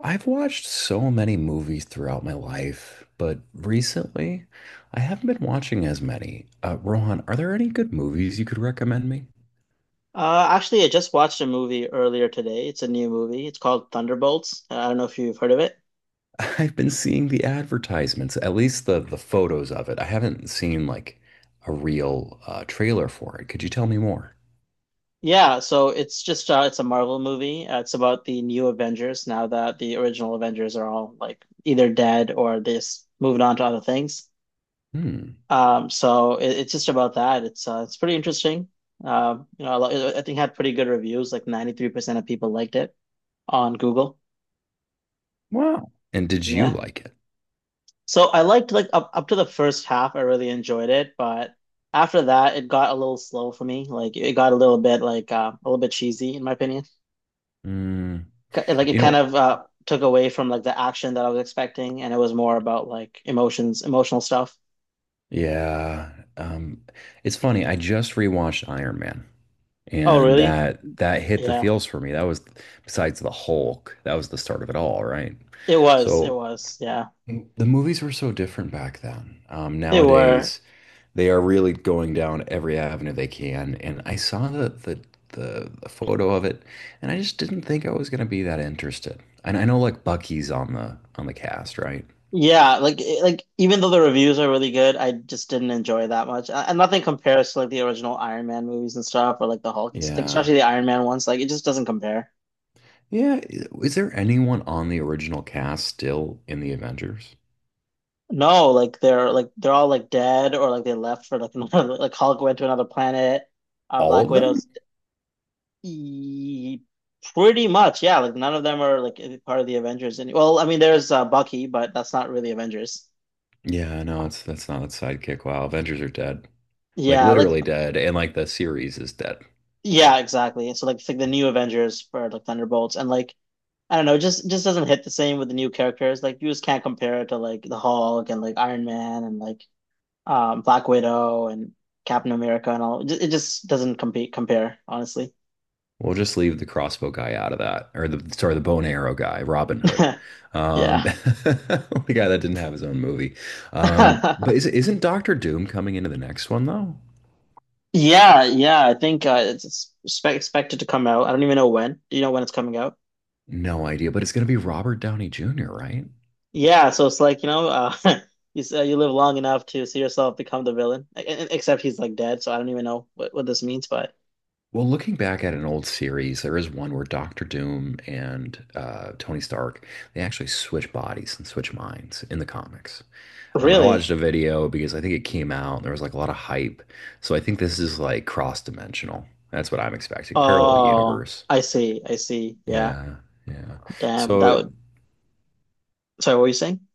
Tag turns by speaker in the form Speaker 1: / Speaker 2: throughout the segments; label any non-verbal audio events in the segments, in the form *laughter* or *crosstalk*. Speaker 1: I've watched so many movies throughout my life, but recently I haven't been watching as many. Rohan, are there any good movies you could recommend me?
Speaker 2: Actually, I just watched a movie earlier today. It's a new movie. It's called Thunderbolts. I don't know if you've heard of it.
Speaker 1: *laughs* I've been seeing the advertisements, at least the photos of it. I haven't seen like a real trailer for it. Could you tell me more?
Speaker 2: Yeah, so it's just it's a Marvel movie. It's about the new Avengers now that the original Avengers are all like either dead or moved on to other things.
Speaker 1: Hmm.
Speaker 2: So it's just about that. It's pretty interesting. I think it had pretty good reviews. Like 93% of people liked it on Google.
Speaker 1: Wow. And did you
Speaker 2: Yeah.
Speaker 1: like it?
Speaker 2: So I liked like up to the first half, I really enjoyed it, but after that, it got a little slow for me. Like it got a little bit a little bit cheesy in my opinion.
Speaker 1: Hmm.
Speaker 2: Like it
Speaker 1: You
Speaker 2: kind
Speaker 1: know,
Speaker 2: of took away from like the action that I was expecting, and it was more about like emotions, emotional stuff.
Speaker 1: yeah. Um, it's funny. I just rewatched Iron Man.
Speaker 2: Oh,
Speaker 1: And
Speaker 2: really?
Speaker 1: that hit the
Speaker 2: Yeah,
Speaker 1: feels for me. That was, besides the Hulk, that was the start of it all, right?
Speaker 2: it was. It
Speaker 1: So
Speaker 2: was. Yeah,
Speaker 1: the movies were so different back then.
Speaker 2: they were.
Speaker 1: Nowadays, they are really going down every avenue they can. And I saw the photo of it, and I just didn't think I was gonna be that interested. And I know like Bucky's on the cast, right?
Speaker 2: Yeah, like even though the reviews are really good, I just didn't enjoy it that much, and nothing compares to like the original Iron Man movies and stuff, or like the Hulk, and like,
Speaker 1: Yeah.
Speaker 2: especially the Iron Man ones. Like it just doesn't compare.
Speaker 1: Yeah. Is there anyone on the original cast still in the Avengers?
Speaker 2: No, like they're all like dead or like they left for like *laughs* another like Hulk went to another planet.
Speaker 1: All
Speaker 2: Black
Speaker 1: of them?
Speaker 2: Widow's e pretty much, yeah. Like none of them are like part of the Avengers. Any well, I mean, there's Bucky, but that's not really Avengers.
Speaker 1: Yeah, no, it's that's not its sidekick. Wow, Avengers are dead. Like
Speaker 2: Yeah, like
Speaker 1: literally dead, and like the series is dead.
Speaker 2: yeah, exactly. So like it's like the new Avengers for like Thunderbolts and like I don't know, it just doesn't hit the same with the new characters. Like you just can't compare it to like the Hulk and like Iron Man and like Black Widow and Captain America and all. It just doesn't compete compare, honestly.
Speaker 1: We'll just leave the crossbow guy out of that, or the sorry, the bone arrow guy, Robin Hood,
Speaker 2: *laughs* Yeah.
Speaker 1: *laughs* the guy that didn't have his own movie.
Speaker 2: *laughs*
Speaker 1: But is, isn't Doctor Doom coming into the next one though?
Speaker 2: Yeah, yeah, I think it's expected to come out. I don't even know when. Do you know when it's coming out?
Speaker 1: No idea, but it's gonna be Robert Downey Jr., right?
Speaker 2: Yeah, so it's like, you know, *laughs* you live long enough to see yourself become the villain. Except he's like dead, so I don't even know what this means, but
Speaker 1: Well, looking back at an old series, there is one where Doctor Doom and Tony Stark, they actually switch bodies and switch minds in the comics. I
Speaker 2: really?
Speaker 1: watched a video because I think it came out and there was like a lot of hype. So I think this is like cross-dimensional. That's what I'm expecting. Parallel
Speaker 2: Oh,
Speaker 1: universe.
Speaker 2: I see. I see. Yeah.
Speaker 1: Yeah, yeah.
Speaker 2: Damn,
Speaker 1: So
Speaker 2: that
Speaker 1: it,
Speaker 2: would Sorry, what were you saying?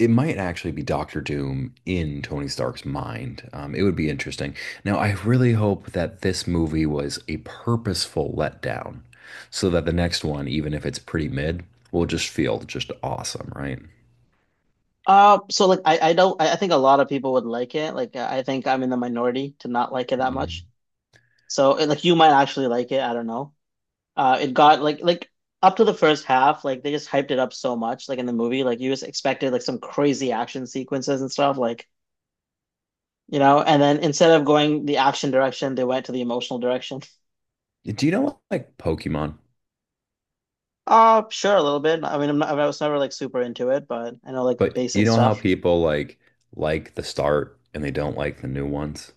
Speaker 1: it might actually be Doctor Doom in Tony Stark's mind. It would be interesting. Now, I really hope that this movie was a purposeful letdown so that the next one, even if it's pretty mid, will just feel just awesome, right?
Speaker 2: I don't I think a lot of people would like it. Like I think I'm in the minority to not like it that
Speaker 1: Mm.
Speaker 2: much. So and, like you might actually like it. I don't know. It got like up to the first half, like they just hyped it up so much. Like in the movie, like you just expected like some crazy action sequences and stuff. Like you know, and then instead of going the action direction, they went to the emotional direction. *laughs*
Speaker 1: Do you know like Pokemon?
Speaker 2: Sure, a little bit. I mean, I was never like super into it, but I know like
Speaker 1: But you
Speaker 2: basic
Speaker 1: know how
Speaker 2: stuff.
Speaker 1: people like the start and they don't like the new ones?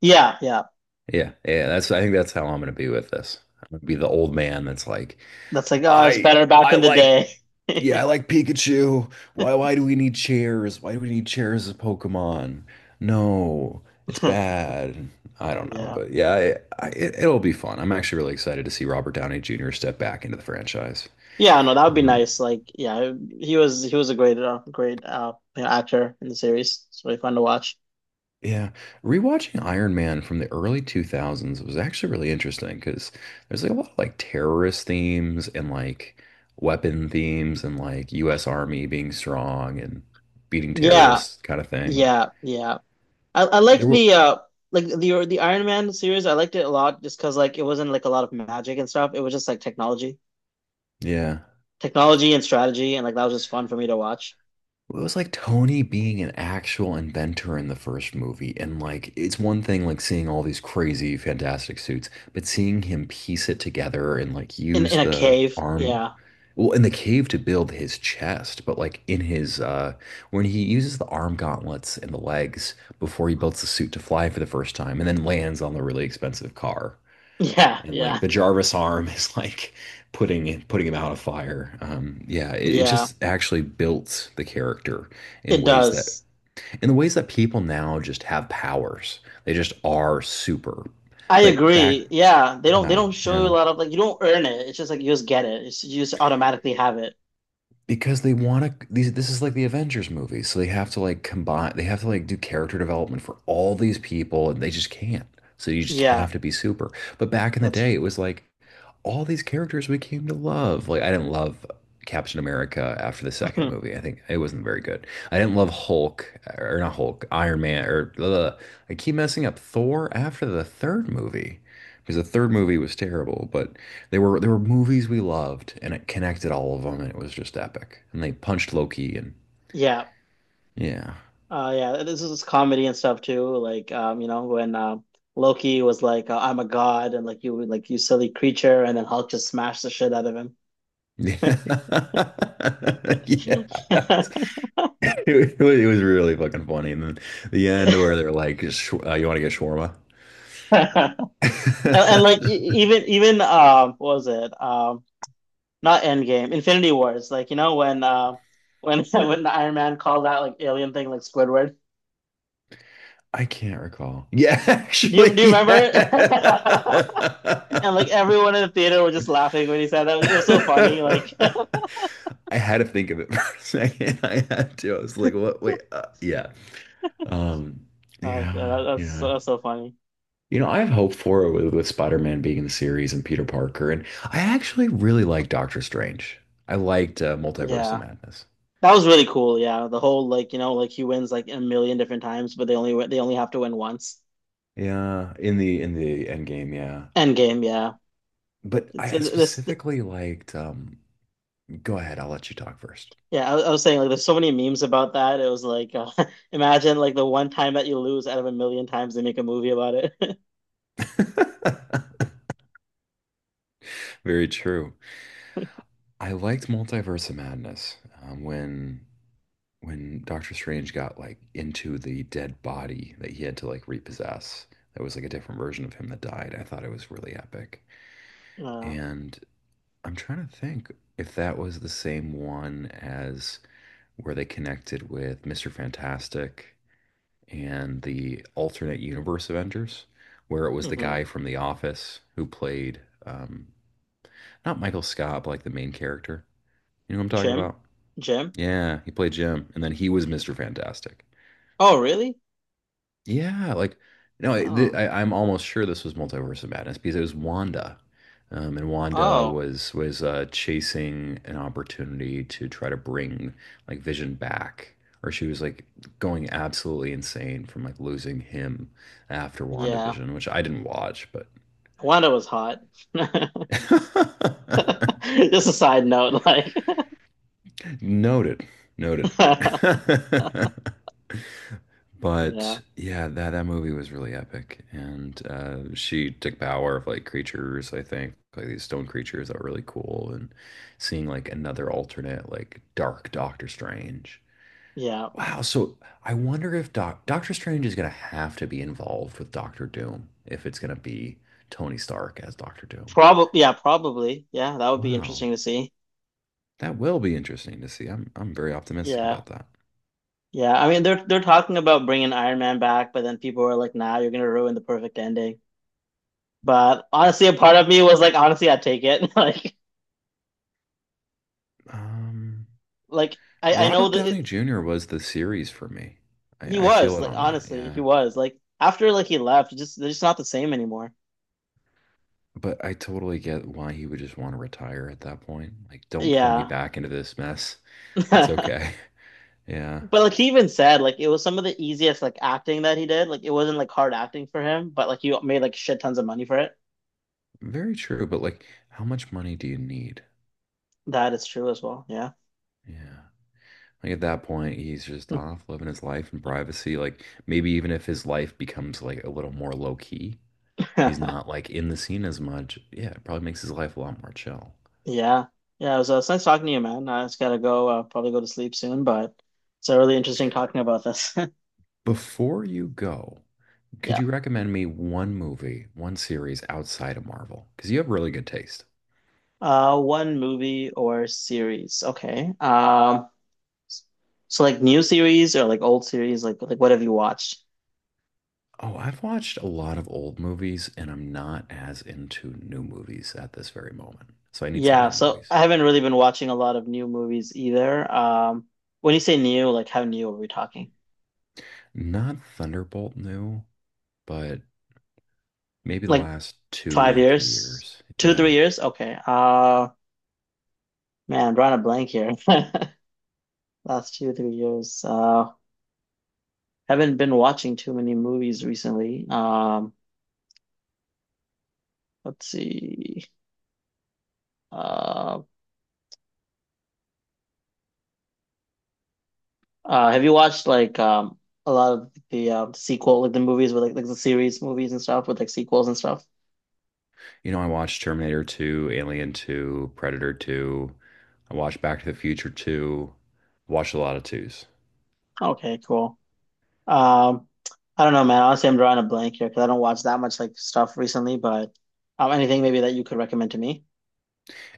Speaker 2: Yeah, yeah.
Speaker 1: Yeah, yeah, that's I think that's how I'm gonna be with this. I'm gonna be the old man that's like,
Speaker 2: That's like, oh, it's
Speaker 1: I
Speaker 2: better back
Speaker 1: I
Speaker 2: in the
Speaker 1: like
Speaker 2: day.
Speaker 1: yeah, I
Speaker 2: *laughs*
Speaker 1: like Pikachu. Why do we need chairs? Why do we need chairs as Pokemon? No, it's bad. I don't know,
Speaker 2: Yeah.
Speaker 1: but yeah, I, it, it'll be fun. I'm actually really excited to see Robert Downey Jr. step back into the franchise.
Speaker 2: Yeah, no, that would be
Speaker 1: Um,
Speaker 2: nice. Like, yeah, he was a great great you know, actor in the series. It's really fun to watch.
Speaker 1: Yeah, rewatching Iron Man from the early 2000s was actually really interesting because there's like a lot of like terrorist themes and like weapon themes and like US Army being strong and beating
Speaker 2: Yeah,
Speaker 1: terrorists kind of thing.
Speaker 2: yeah, yeah. I
Speaker 1: There
Speaker 2: liked
Speaker 1: were,
Speaker 2: the like the Iron Man series. I liked it a lot just because like it wasn't like a lot of magic and stuff. It was just like technology,
Speaker 1: yeah.
Speaker 2: technology and strategy, and like that was just fun for me to watch
Speaker 1: It was like Tony being an actual inventor in the first movie. And like, it's one thing like seeing all these crazy, fantastic suits, but seeing him piece it together and like use
Speaker 2: in a
Speaker 1: the
Speaker 2: cave.
Speaker 1: arm,
Speaker 2: Yeah,
Speaker 1: well, in the cave to build his chest, but like in his, when he uses the arm gauntlets and the legs before he builds the suit to fly for the first time and then lands on the really expensive car
Speaker 2: *laughs* yeah,
Speaker 1: and
Speaker 2: yeah,
Speaker 1: like the Jarvis arm is *laughs* like putting him out of fire. Yeah, it
Speaker 2: yeah.
Speaker 1: just actually built the character in
Speaker 2: It
Speaker 1: ways that
Speaker 2: does.
Speaker 1: in the ways that people now just have powers. They just are super.
Speaker 2: I
Speaker 1: But back,
Speaker 2: agree. Yeah, they
Speaker 1: yeah,
Speaker 2: don't show you
Speaker 1: yeah,
Speaker 2: a lot of like you don't earn it. It's just like you just get it. You just automatically have it.
Speaker 1: because they want to. These this is like the Avengers movie, so they have to like combine. They have to like do character development for all these people, and they just can't. So you just
Speaker 2: Yeah.
Speaker 1: have to be super. But back in the
Speaker 2: That's
Speaker 1: day, it was like all these characters we came to love. Like I didn't love Captain America after the second
Speaker 2: *laughs*
Speaker 1: movie. I think it wasn't very good. I didn't love Hulk or not Hulk, Iron Man or ugh. I keep messing up Thor after the third movie because the third
Speaker 2: Mhm.
Speaker 1: movie was terrible. But they were there were movies we loved and it connected all of them and it was just epic. And they punched Loki and
Speaker 2: yeah,
Speaker 1: yeah.
Speaker 2: yeah. This is comedy and stuff too. Like, you know, when Loki was like, "I'm a god," and like you silly creature, and then Hulk just smashed the shit out of him.
Speaker 1: Yeah. *laughs* Yeah. It was really fucking funny. And then the end where they're like, you want to get shawarma?"
Speaker 2: *laughs* And,
Speaker 1: *laughs*
Speaker 2: and like even what was it? Not Endgame, Infinity Wars. Like you know when *laughs* when the Iron Man called that like alien thing like Squidward.
Speaker 1: I can't recall. Yeah,
Speaker 2: Do you
Speaker 1: actually,
Speaker 2: remember?
Speaker 1: yeah.
Speaker 2: *laughs* And like
Speaker 1: *laughs*
Speaker 2: everyone in the theater was just laughing when he said that. It was so
Speaker 1: I
Speaker 2: funny. Like.
Speaker 1: had to think of it for a second. *laughs* I had to. I was like, what? Yeah. Um,
Speaker 2: Uh, yeah,
Speaker 1: yeah,
Speaker 2: that,
Speaker 1: yeah.
Speaker 2: that's so funny.
Speaker 1: You know, I have hope for it with Spider-Man being in the series and Peter Parker. And I actually really like Doctor Strange. I liked Multiverse of
Speaker 2: Yeah,
Speaker 1: Madness.
Speaker 2: that was really cool. Yeah, the whole like you know like he wins like a million different times, but they only have to win once.
Speaker 1: Yeah, in the end game, yeah.
Speaker 2: End game. Yeah,
Speaker 1: But
Speaker 2: it's
Speaker 1: I
Speaker 2: this.
Speaker 1: specifically liked go ahead, I'll let you talk first.
Speaker 2: Yeah, I was saying like there's so many memes about that. It was like *laughs* imagine like the one time that you lose out of a million times they make a movie about it. *laughs*
Speaker 1: *laughs* Very true. I liked Multiverse of Madness when Doctor Strange got like into the dead body that he had to like repossess. That was like a different version of him that died. I thought it was really epic.
Speaker 2: Uh,
Speaker 1: And I'm trying to think if that was the same one as where they connected with Mr. Fantastic and the alternate universe Avengers, where it was the
Speaker 2: mm-hmm.
Speaker 1: guy from The Office who played um, not Michael Scott, but like the main character. You know what I'm talking
Speaker 2: Jim,
Speaker 1: about?
Speaker 2: Jim.
Speaker 1: Yeah, he played Jim, and then he was Mr. Fantastic.
Speaker 2: Oh, really?
Speaker 1: Yeah, like no, I, th
Speaker 2: Oh,
Speaker 1: I, I'm almost sure this was Multiverse of Madness because it was Wanda, and Wanda
Speaker 2: oh,
Speaker 1: was chasing an opportunity to try to bring like Vision back, or she was like going absolutely insane from like losing him after
Speaker 2: yeah.
Speaker 1: WandaVision, which I didn't watch, but
Speaker 2: Wanda was hot. *laughs* Just a side note, like,
Speaker 1: *laughs* noted, noted.
Speaker 2: *laughs*
Speaker 1: *laughs*
Speaker 2: yeah,
Speaker 1: But yeah, that that movie was really epic, and she took power of like creatures, I think, like these stone creatures that were really cool, and seeing like another alternate, like dark Doctor Strange.
Speaker 2: yeah.
Speaker 1: Wow, so I wonder if Doctor Strange is gonna have to be involved with Doctor Doom if it's gonna be Tony Stark as Doctor Doom.
Speaker 2: Probably, yeah, probably. Yeah, that would be
Speaker 1: Wow,
Speaker 2: interesting to see.
Speaker 1: that will be interesting to see. I'm very optimistic
Speaker 2: Yeah.
Speaker 1: about that.
Speaker 2: Yeah. I mean, they're talking about bringing Iron Man back, but then people are like, "Nah, you're gonna ruin the perfect ending." But honestly, a part of me was like, honestly, I take it. *laughs* Like,
Speaker 1: Um,
Speaker 2: I know
Speaker 1: Robert
Speaker 2: that
Speaker 1: Downey
Speaker 2: it,
Speaker 1: Jr. was the series for me.
Speaker 2: he
Speaker 1: I
Speaker 2: was
Speaker 1: feel it
Speaker 2: like,
Speaker 1: on that,
Speaker 2: honestly, he
Speaker 1: yeah.
Speaker 2: was like after like he left, it just they're just not the same anymore.
Speaker 1: But I totally get why he would just want to retire at that point. Like, don't pull me
Speaker 2: Yeah.
Speaker 1: back into this mess. It's
Speaker 2: *laughs*
Speaker 1: okay. *laughs* Yeah.
Speaker 2: But like he even said, like it was some of the easiest like acting that he did. Like it wasn't like hard acting for him, but like he made like shit tons of money for it.
Speaker 1: Very true. But like, how much money do you need?
Speaker 2: That is true as well.
Speaker 1: Yeah. Like at that point, he's just
Speaker 2: Yeah.
Speaker 1: off living his life in privacy. Like maybe even if his life becomes like a little more low key, he's
Speaker 2: *laughs*
Speaker 1: not like in the scene as much. Yeah, it probably makes his life a lot more chill.
Speaker 2: Yeah. Yeah, it was, it's nice talking to you, man. I just gotta go, probably go to sleep soon, but it's really interesting talking about this. *laughs*
Speaker 1: Before you go, could
Speaker 2: Yeah.
Speaker 1: you recommend me one movie, one series outside of Marvel? Because you have really good taste.
Speaker 2: One movie or series. Okay. So like new series or like old series, like what have you watched?
Speaker 1: Oh, I've watched a lot of old movies and I'm not as into new movies at this very moment. So I need some
Speaker 2: Yeah,
Speaker 1: new
Speaker 2: so
Speaker 1: movies.
Speaker 2: I haven't really been watching a lot of new movies either. When you say new, like how new are we talking?
Speaker 1: Not Thunderbolt new, but maybe the
Speaker 2: Like
Speaker 1: last
Speaker 2: five
Speaker 1: two, three
Speaker 2: years?
Speaker 1: years.
Speaker 2: Two, three
Speaker 1: Yeah.
Speaker 2: years? Okay. Man, drawing a blank here. *laughs* Last two, 3 years. Haven't been watching too many movies recently. Let's see. Uh, have you watched like a lot of the sequel, like the movies with like the series movies and stuff with like sequels and stuff?
Speaker 1: You know, I watched Terminator 2, Alien 2, Predator 2. I watched Back to the Future 2. Watched a lot of twos.
Speaker 2: Okay, cool. Um, I don't know, man. Honestly, I'm drawing a blank here because I don't watch that much like stuff recently. But anything maybe that you could recommend to me?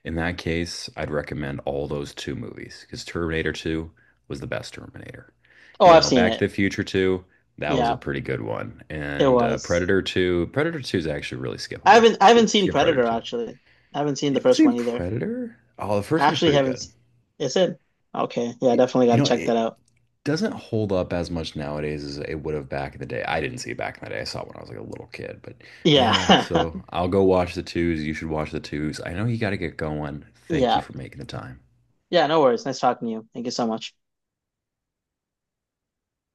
Speaker 1: In that case, I'd recommend all those two movies because Terminator 2 was the best Terminator.
Speaker 2: Oh,
Speaker 1: You
Speaker 2: I've
Speaker 1: know,
Speaker 2: seen
Speaker 1: Back to
Speaker 2: it.
Speaker 1: the Future 2, that was
Speaker 2: Yeah,
Speaker 1: a pretty good one.
Speaker 2: it
Speaker 1: And
Speaker 2: was.
Speaker 1: Predator 2, Predator 2 is actually really skippable.
Speaker 2: I haven't
Speaker 1: Skip,
Speaker 2: seen
Speaker 1: skip Predator
Speaker 2: Predator
Speaker 1: 2.
Speaker 2: actually. I haven't seen
Speaker 1: You
Speaker 2: the
Speaker 1: haven't
Speaker 2: first
Speaker 1: seen
Speaker 2: one either.
Speaker 1: Predator? Oh, the
Speaker 2: I
Speaker 1: first one's
Speaker 2: actually
Speaker 1: pretty
Speaker 2: haven't.
Speaker 1: good.
Speaker 2: Is it? Okay. Yeah, definitely got
Speaker 1: You
Speaker 2: to
Speaker 1: know,
Speaker 2: check that
Speaker 1: it
Speaker 2: out.
Speaker 1: doesn't hold up as much nowadays as it would have back in the day. I didn't see it back in the day. I saw it when I was like a little kid. But
Speaker 2: Yeah.
Speaker 1: yeah, so
Speaker 2: *laughs*
Speaker 1: I'll go watch the twos. You should watch the twos. I know you got to get going. Thank
Speaker 2: Yeah.
Speaker 1: you for making the time.
Speaker 2: Yeah, no worries. Nice talking to you. Thank you so much.